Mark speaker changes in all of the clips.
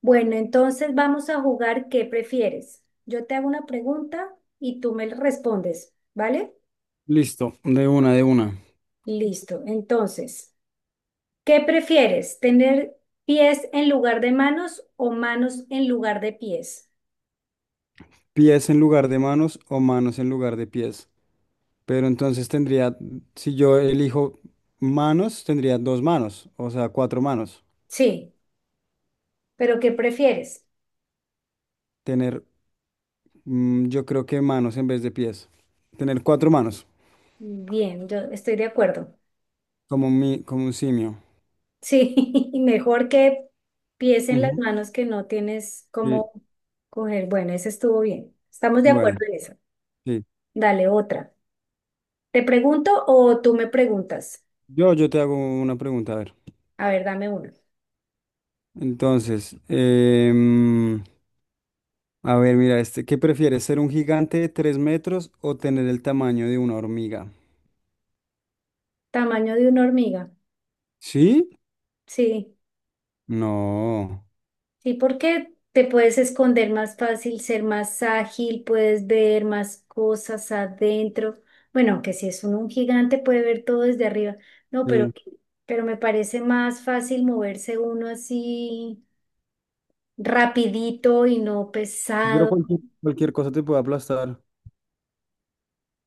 Speaker 1: Bueno, entonces vamos a jugar, ¿qué prefieres? Yo te hago una pregunta y tú me respondes, ¿vale?
Speaker 2: Listo, de una, de una.
Speaker 1: Listo. Entonces, ¿qué prefieres? ¿Tener pies en lugar de manos o manos en lugar de pies?
Speaker 2: Pies en lugar de manos o manos en lugar de pies. Pero entonces tendría, si yo elijo manos, tendría dos manos, o sea, cuatro manos.
Speaker 1: Sí, pero ¿qué prefieres?
Speaker 2: Tener, yo creo que manos en vez de pies. Tener cuatro manos,
Speaker 1: Bien, yo estoy de acuerdo.
Speaker 2: como un simio.
Speaker 1: Sí, mejor que pies en las
Speaker 2: Ujú.
Speaker 1: manos que no tienes
Speaker 2: Sí,
Speaker 1: cómo coger. Bueno, ese estuvo bien. Estamos de
Speaker 2: bueno,
Speaker 1: acuerdo en eso.
Speaker 2: sí.
Speaker 1: Dale otra. ¿Te pregunto o tú me preguntas?
Speaker 2: Yo te hago una pregunta, a ver.
Speaker 1: A ver, dame una.
Speaker 2: Entonces, a ver, mira, ¿qué prefieres, ser un gigante de 3 metros o tener el tamaño de una hormiga?
Speaker 1: Tamaño de una hormiga.
Speaker 2: ¿Sí?
Speaker 1: Sí,
Speaker 2: No,
Speaker 1: sí, porque te puedes esconder más fácil, ser más ágil, puedes ver más cosas adentro. Bueno, aunque si es un gigante puede ver todo desde arriba. No,
Speaker 2: sí.
Speaker 1: pero me parece más fácil moverse uno así rapidito y no
Speaker 2: Pero
Speaker 1: pesado.
Speaker 2: cualquier cosa te puede aplastar.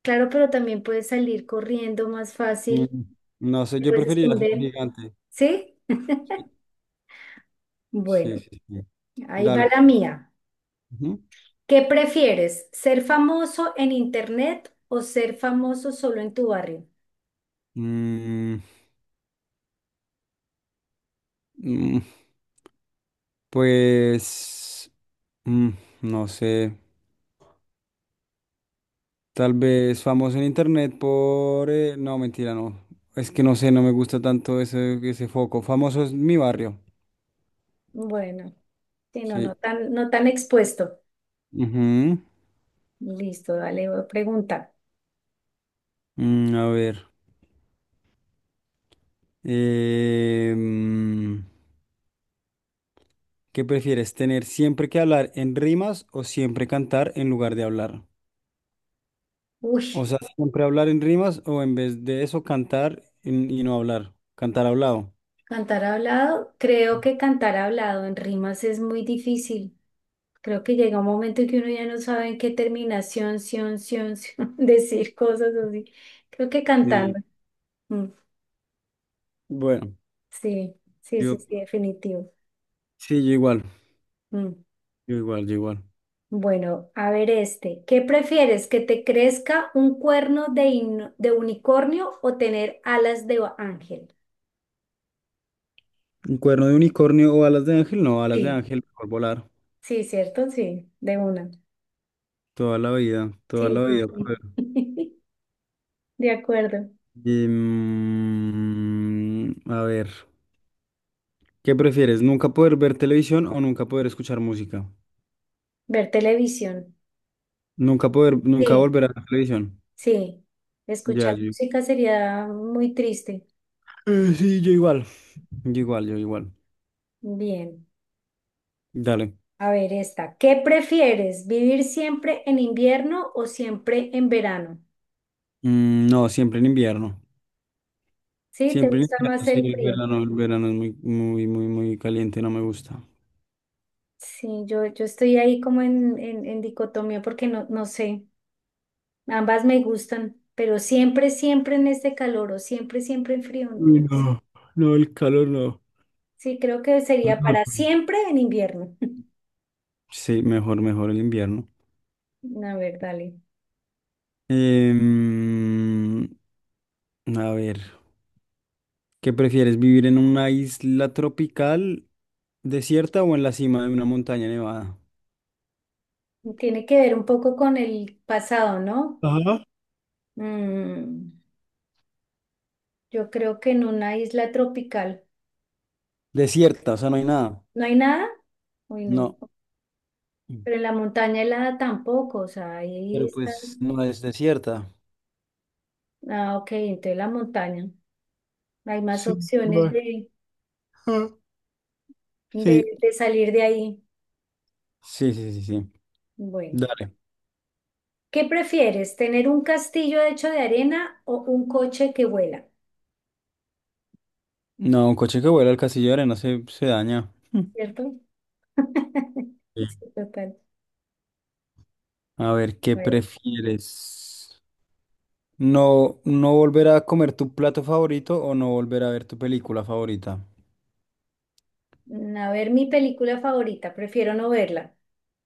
Speaker 1: Claro, pero también puedes salir corriendo más
Speaker 2: Mm,
Speaker 1: fácil,
Speaker 2: no sé,
Speaker 1: te
Speaker 2: yo
Speaker 1: puedes
Speaker 2: preferiría ser un
Speaker 1: esconder.
Speaker 2: gigante.
Speaker 1: ¿Sí?
Speaker 2: Sí, sí,
Speaker 1: Bueno,
Speaker 2: sí. Sí.
Speaker 1: ahí va
Speaker 2: Dale,
Speaker 1: la
Speaker 2: pues.
Speaker 1: mía.
Speaker 2: Ujú.
Speaker 1: ¿Qué prefieres? ¿Ser famoso en internet o ser famoso solo en tu barrio?
Speaker 2: Mm, mm, pues, mm, no sé, tal vez famoso en internet no, mentira, no. Es que no sé, no me gusta tanto ese foco. Famoso es mi barrio.
Speaker 1: Bueno, sí, no, no
Speaker 2: Sí.
Speaker 1: tan, no tan expuesto.
Speaker 2: Ujú.
Speaker 1: Listo, dale, voy a preguntar.
Speaker 2: A ver. Eh, ¿Qué prefieres, tener siempre que hablar en rimas o siempre cantar en lugar de hablar?
Speaker 1: Uy,
Speaker 2: O sea, siempre hablar en rimas o en vez de eso y no hablar, cantar hablado.
Speaker 1: Cantar hablado. Creo que cantar hablado en rimas es muy difícil. Creo que llega un momento en que uno ya no sabe en qué terminación, sion, sion, sion, decir cosas así. Creo que
Speaker 2: Sí,
Speaker 1: cantando. Mm,
Speaker 2: bueno,
Speaker 1: sí, sí, sí,
Speaker 2: yo
Speaker 1: sí, definitivo.
Speaker 2: sí, yo igual,
Speaker 1: Mm.
Speaker 2: yo igual, yo igual.
Speaker 1: Bueno, a ver este. ¿Qué prefieres? ¿Que te crezca un cuerno de, de unicornio o tener alas de ángel?
Speaker 2: ¿Un cuerno de unicornio o alas de ángel? No, alas de
Speaker 1: Sí,
Speaker 2: ángel, mejor volar.
Speaker 1: sí, ¿cierto? Sí, de una.
Speaker 2: Toda la vida, toda
Speaker 1: Sí,
Speaker 2: la
Speaker 1: sí,
Speaker 2: vida. Poder.
Speaker 1: sí. De acuerdo.
Speaker 2: Y, a ver, ¿qué prefieres? ¿Nunca poder ver televisión o nunca poder escuchar música?
Speaker 1: Ver televisión.
Speaker 2: Nunca
Speaker 1: Sí,
Speaker 2: volver a la televisión.
Speaker 1: sí.
Speaker 2: Ya,
Speaker 1: Escuchar
Speaker 2: yo
Speaker 1: música sería muy triste.
Speaker 2: Sí, yo igual. Yo igual, yo igual.
Speaker 1: Bien.
Speaker 2: Dale.
Speaker 1: A ver esta. ¿Qué prefieres? ¿Vivir siempre en invierno o siempre en verano?
Speaker 2: No, siempre en invierno.
Speaker 1: Sí, ¿te
Speaker 2: Siempre en
Speaker 1: gusta
Speaker 2: invierno,
Speaker 1: más
Speaker 2: sí,
Speaker 1: el
Speaker 2: el
Speaker 1: frío?
Speaker 2: verano, el verano es muy, muy, muy, muy caliente, no me gusta.
Speaker 1: Sí, yo estoy ahí como en dicotomía porque no, no sé, ambas me gustan, pero siempre, siempre en este calor o siempre, siempre en frío. No
Speaker 2: Uy,
Speaker 1: sé.
Speaker 2: no, no, el calor no.
Speaker 1: Sí, creo que sería
Speaker 2: Calor.
Speaker 1: para siempre en invierno.
Speaker 2: Sí, mejor, mejor el invierno.
Speaker 1: A ver, dale.
Speaker 2: Em, a ver, ¿qué prefieres, vivir en una isla tropical desierta o en la cima de una montaña nevada?
Speaker 1: Tiene que ver un poco con el pasado, ¿no?
Speaker 2: Ajá.
Speaker 1: Mm, yo creo que en una isla tropical
Speaker 2: Desierta, o sea, no hay nada.
Speaker 1: no hay nada. Uy, no.
Speaker 2: No,
Speaker 1: Pero en la montaña helada tampoco, o sea, ahí
Speaker 2: pero
Speaker 1: está.
Speaker 2: pues no es desierta.
Speaker 1: Ah, ok, entonces la montaña. Hay más
Speaker 2: Sí,
Speaker 1: opciones
Speaker 2: va. Ah. Sí,
Speaker 1: de salir de ahí.
Speaker 2: sí, sí, sí, sí.
Speaker 1: Bueno,
Speaker 2: Dale.
Speaker 1: ¿qué prefieres? ¿Tener un castillo hecho de arena o un coche que vuela?
Speaker 2: No, un coche que vuela, al castillo, casillero no se daña. Mm.
Speaker 1: ¿Cierto?
Speaker 2: Sí.
Speaker 1: Sí, total.
Speaker 2: A ver,
Speaker 1: A
Speaker 2: ¿qué
Speaker 1: ver,
Speaker 2: prefieres? ¿No, no volver a comer tu plato favorito o no volver a ver tu película favorita?
Speaker 1: a ver, mi película favorita, prefiero no verla,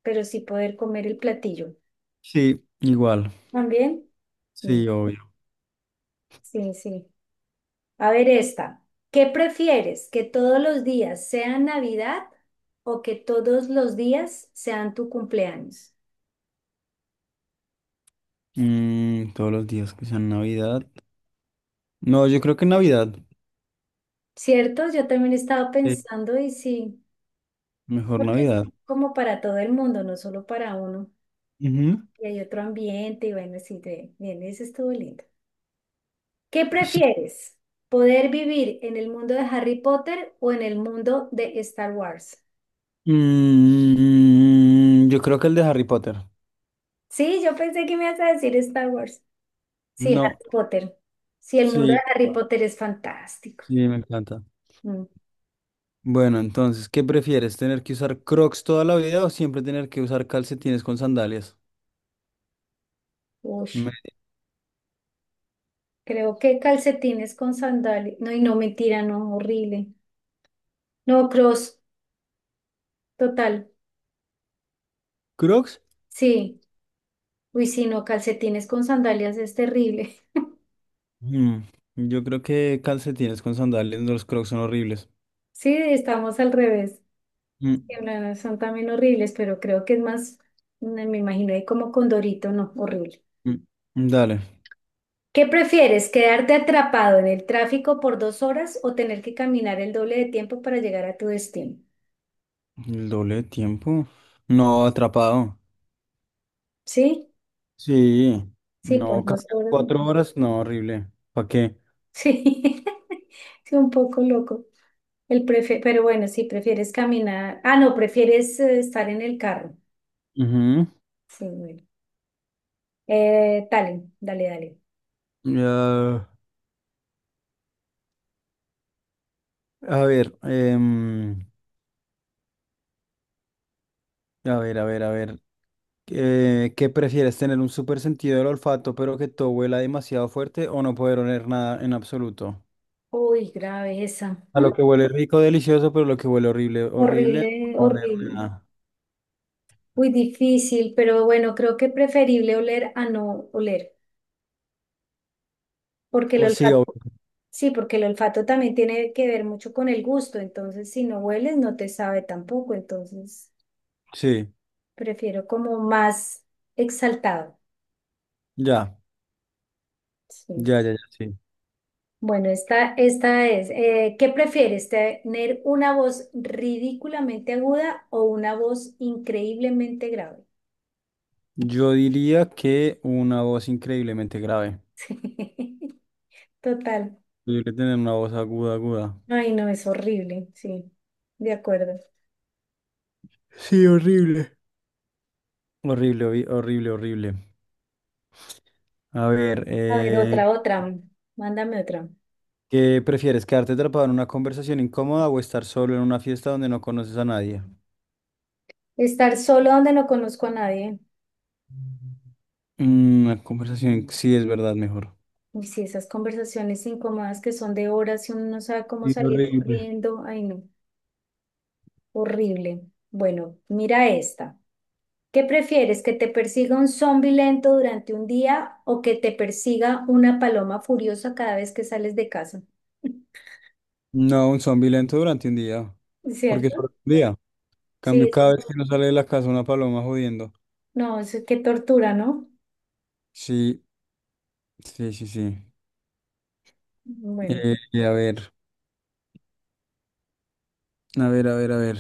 Speaker 1: pero sí poder comer el platillo.
Speaker 2: Sí, igual.
Speaker 1: ¿También? Mm,
Speaker 2: Sí, obvio.
Speaker 1: sí, sí. A ver esta. ¿Qué prefieres? ¿Que todos los días sean Navidad o que todos los días sean tu cumpleaños?
Speaker 2: Todos los días que sean Navidad. No, yo creo que Navidad.
Speaker 1: ¿Cierto? Yo también estaba
Speaker 2: Sí.
Speaker 1: pensando y sí.
Speaker 2: Mejor
Speaker 1: Porque es
Speaker 2: Navidad.
Speaker 1: como para todo el mundo, no solo para uno.
Speaker 2: Ujú.
Speaker 1: Y hay otro ambiente, y bueno, sí, de- bien, eso estuvo lindo. ¿Qué
Speaker 2: Sí.
Speaker 1: prefieres? ¿Poder vivir en el mundo de Harry Potter o en el mundo de Star Wars?
Speaker 2: Yo creo que el de Harry Potter.
Speaker 1: Sí, yo pensé que me ibas a decir Star Wars. Sí,
Speaker 2: No.
Speaker 1: Harry Potter. Sí, el mundo de
Speaker 2: Sí.
Speaker 1: Harry Potter es fantástico.
Speaker 2: Sí, me encanta.
Speaker 1: Mm,
Speaker 2: Bueno, entonces, ¿qué prefieres? ¿Tener que usar Crocs toda la vida o siempre tener que usar calcetines con sandalias?
Speaker 1: Uy,
Speaker 2: Me-
Speaker 1: creo que calcetines con sandalias. No, y no, mentira, no, horrible. No, cross, total.
Speaker 2: ¿Crocs?
Speaker 1: Sí. Uy, sí, no, calcetines con sandalias es terrible.
Speaker 2: Mm, Yo creo que calcetines con sandalias, los Crocs son horribles.
Speaker 1: Sí, estamos al revés.
Speaker 2: Mm,
Speaker 1: Que no, son también horribles, pero creo que es más, me imagino ahí como Condorito, no, horrible.
Speaker 2: mm, Dale,
Speaker 1: ¿Qué prefieres, quedarte atrapado en el tráfico por dos horas o tener que caminar el doble de tiempo para llegar a tu destino?
Speaker 2: el doble de tiempo. No, atrapado.
Speaker 1: ¿Sí?
Speaker 2: Sí,
Speaker 1: Sí, por
Speaker 2: no,
Speaker 1: dos
Speaker 2: cargar
Speaker 1: horas.
Speaker 2: 4 horas, no, horrible. ¿Para qué?
Speaker 1: Sí, sí, un poco loco. El prefe- pero bueno, sí, prefieres caminar. Ah, no, prefieres estar en el carro.
Speaker 2: Ujú.
Speaker 1: Sí, bueno. Dale, dale, dale.
Speaker 2: Ya, a ver, a ver, a ver, a ver. ¿Qué prefieres, tener un súper sentido del olfato, pero que todo huela demasiado fuerte o no poder oler nada en absoluto?
Speaker 1: Uy, grave esa.
Speaker 2: A lo que huele rico, delicioso, pero lo que huele horrible, horrible,
Speaker 1: Horrible,
Speaker 2: no oler
Speaker 1: horrible.
Speaker 2: nada.
Speaker 1: Muy difícil, pero bueno, creo que preferible oler a no oler, porque el
Speaker 2: O sí,
Speaker 1: olfato, sí, porque el olfato también tiene que ver mucho con el gusto, entonces si no hueles no te sabe tampoco, entonces
Speaker 2: sí,
Speaker 1: prefiero como más exaltado.
Speaker 2: ya,
Speaker 1: Sí.
Speaker 2: ya, ya, ya, sí.
Speaker 1: Bueno, esta es, ¿qué prefieres, tener una voz ridículamente aguda o una voz increíblemente grave?
Speaker 2: Yo diría que una voz increíblemente grave.
Speaker 1: Total.
Speaker 2: Yo diría tener una voz aguda, aguda.
Speaker 1: Ay, no, es horrible, sí, de acuerdo.
Speaker 2: Sí, horrible. Horrible, horrible, horrible. A ver,
Speaker 1: A ver,
Speaker 2: eh.
Speaker 1: otra, otra, mándame otra.
Speaker 2: ¿Qué prefieres, quedarte atrapado en una conversación incómoda o estar solo en una fiesta donde no conoces a nadie?
Speaker 1: Estar solo donde no conozco a nadie.
Speaker 2: Una conversación, sí, es verdad, mejor.
Speaker 1: Uy, sí, esas conversaciones incómodas que son de horas y uno no sabe cómo
Speaker 2: Sí,
Speaker 1: salir
Speaker 2: horrible.
Speaker 1: corriendo. Ay, no, horrible. Bueno, mira esta. ¿Qué prefieres, que te persiga un zombi lento durante un día o que te persiga una paloma furiosa cada vez que sales de casa?
Speaker 2: No, un zombie lento durante un día. Porque
Speaker 1: ¿Cierto?
Speaker 2: solo un día.
Speaker 1: Sí,
Speaker 2: Cambio cada
Speaker 1: eso.
Speaker 2: vez que no sale de la casa una paloma jodiendo.
Speaker 1: No, eso qué tortura, ¿no?
Speaker 2: Sí, sí, sí, sí.
Speaker 1: Bueno.
Speaker 2: Y a ver, a ver, a ver, a ver.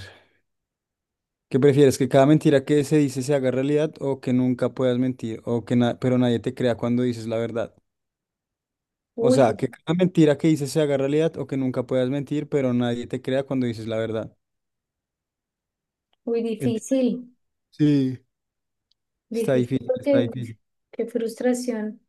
Speaker 2: ¿Qué prefieres? ¿Que cada mentira que se dice se haga realidad o que nunca puedas mentir pero nadie te crea cuando dices la verdad? O
Speaker 1: Uy,
Speaker 2: sea, que cada mentira que dices se haga realidad o que nunca puedas mentir, pero nadie te crea cuando dices la verdad.
Speaker 1: muy
Speaker 2: Ent-
Speaker 1: difícil,
Speaker 2: Sí. Está
Speaker 1: difícil
Speaker 2: difícil, está
Speaker 1: porque
Speaker 2: difícil.
Speaker 1: qué frustración.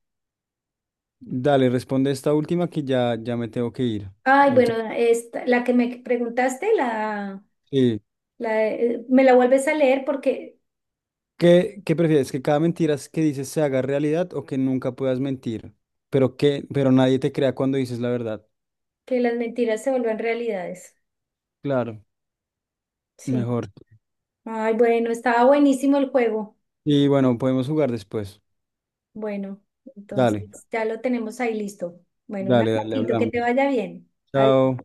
Speaker 2: Dale, responde esta última que ya, ya me tengo que ir.
Speaker 1: Ay, bueno,
Speaker 2: Entonces,
Speaker 1: esta, la que me preguntaste, la,
Speaker 2: sí.
Speaker 1: la, me la vuelves a leer porque
Speaker 2: ¿Qué prefieres? ¿Que cada mentira que dices se haga realidad o que nunca puedas mentir? Pero nadie te crea cuando dices la verdad.
Speaker 1: que las mentiras se vuelven realidades.
Speaker 2: Claro,
Speaker 1: Sí.
Speaker 2: mejor.
Speaker 1: Ay, bueno, estaba buenísimo el juego.
Speaker 2: Y bueno, podemos jugar después.
Speaker 1: Bueno,
Speaker 2: Dale,
Speaker 1: entonces ya lo tenemos ahí listo. Bueno, un
Speaker 2: dale, dale,
Speaker 1: abracito, que
Speaker 2: hablamos.
Speaker 1: te vaya bien. Adiós.
Speaker 2: Chao.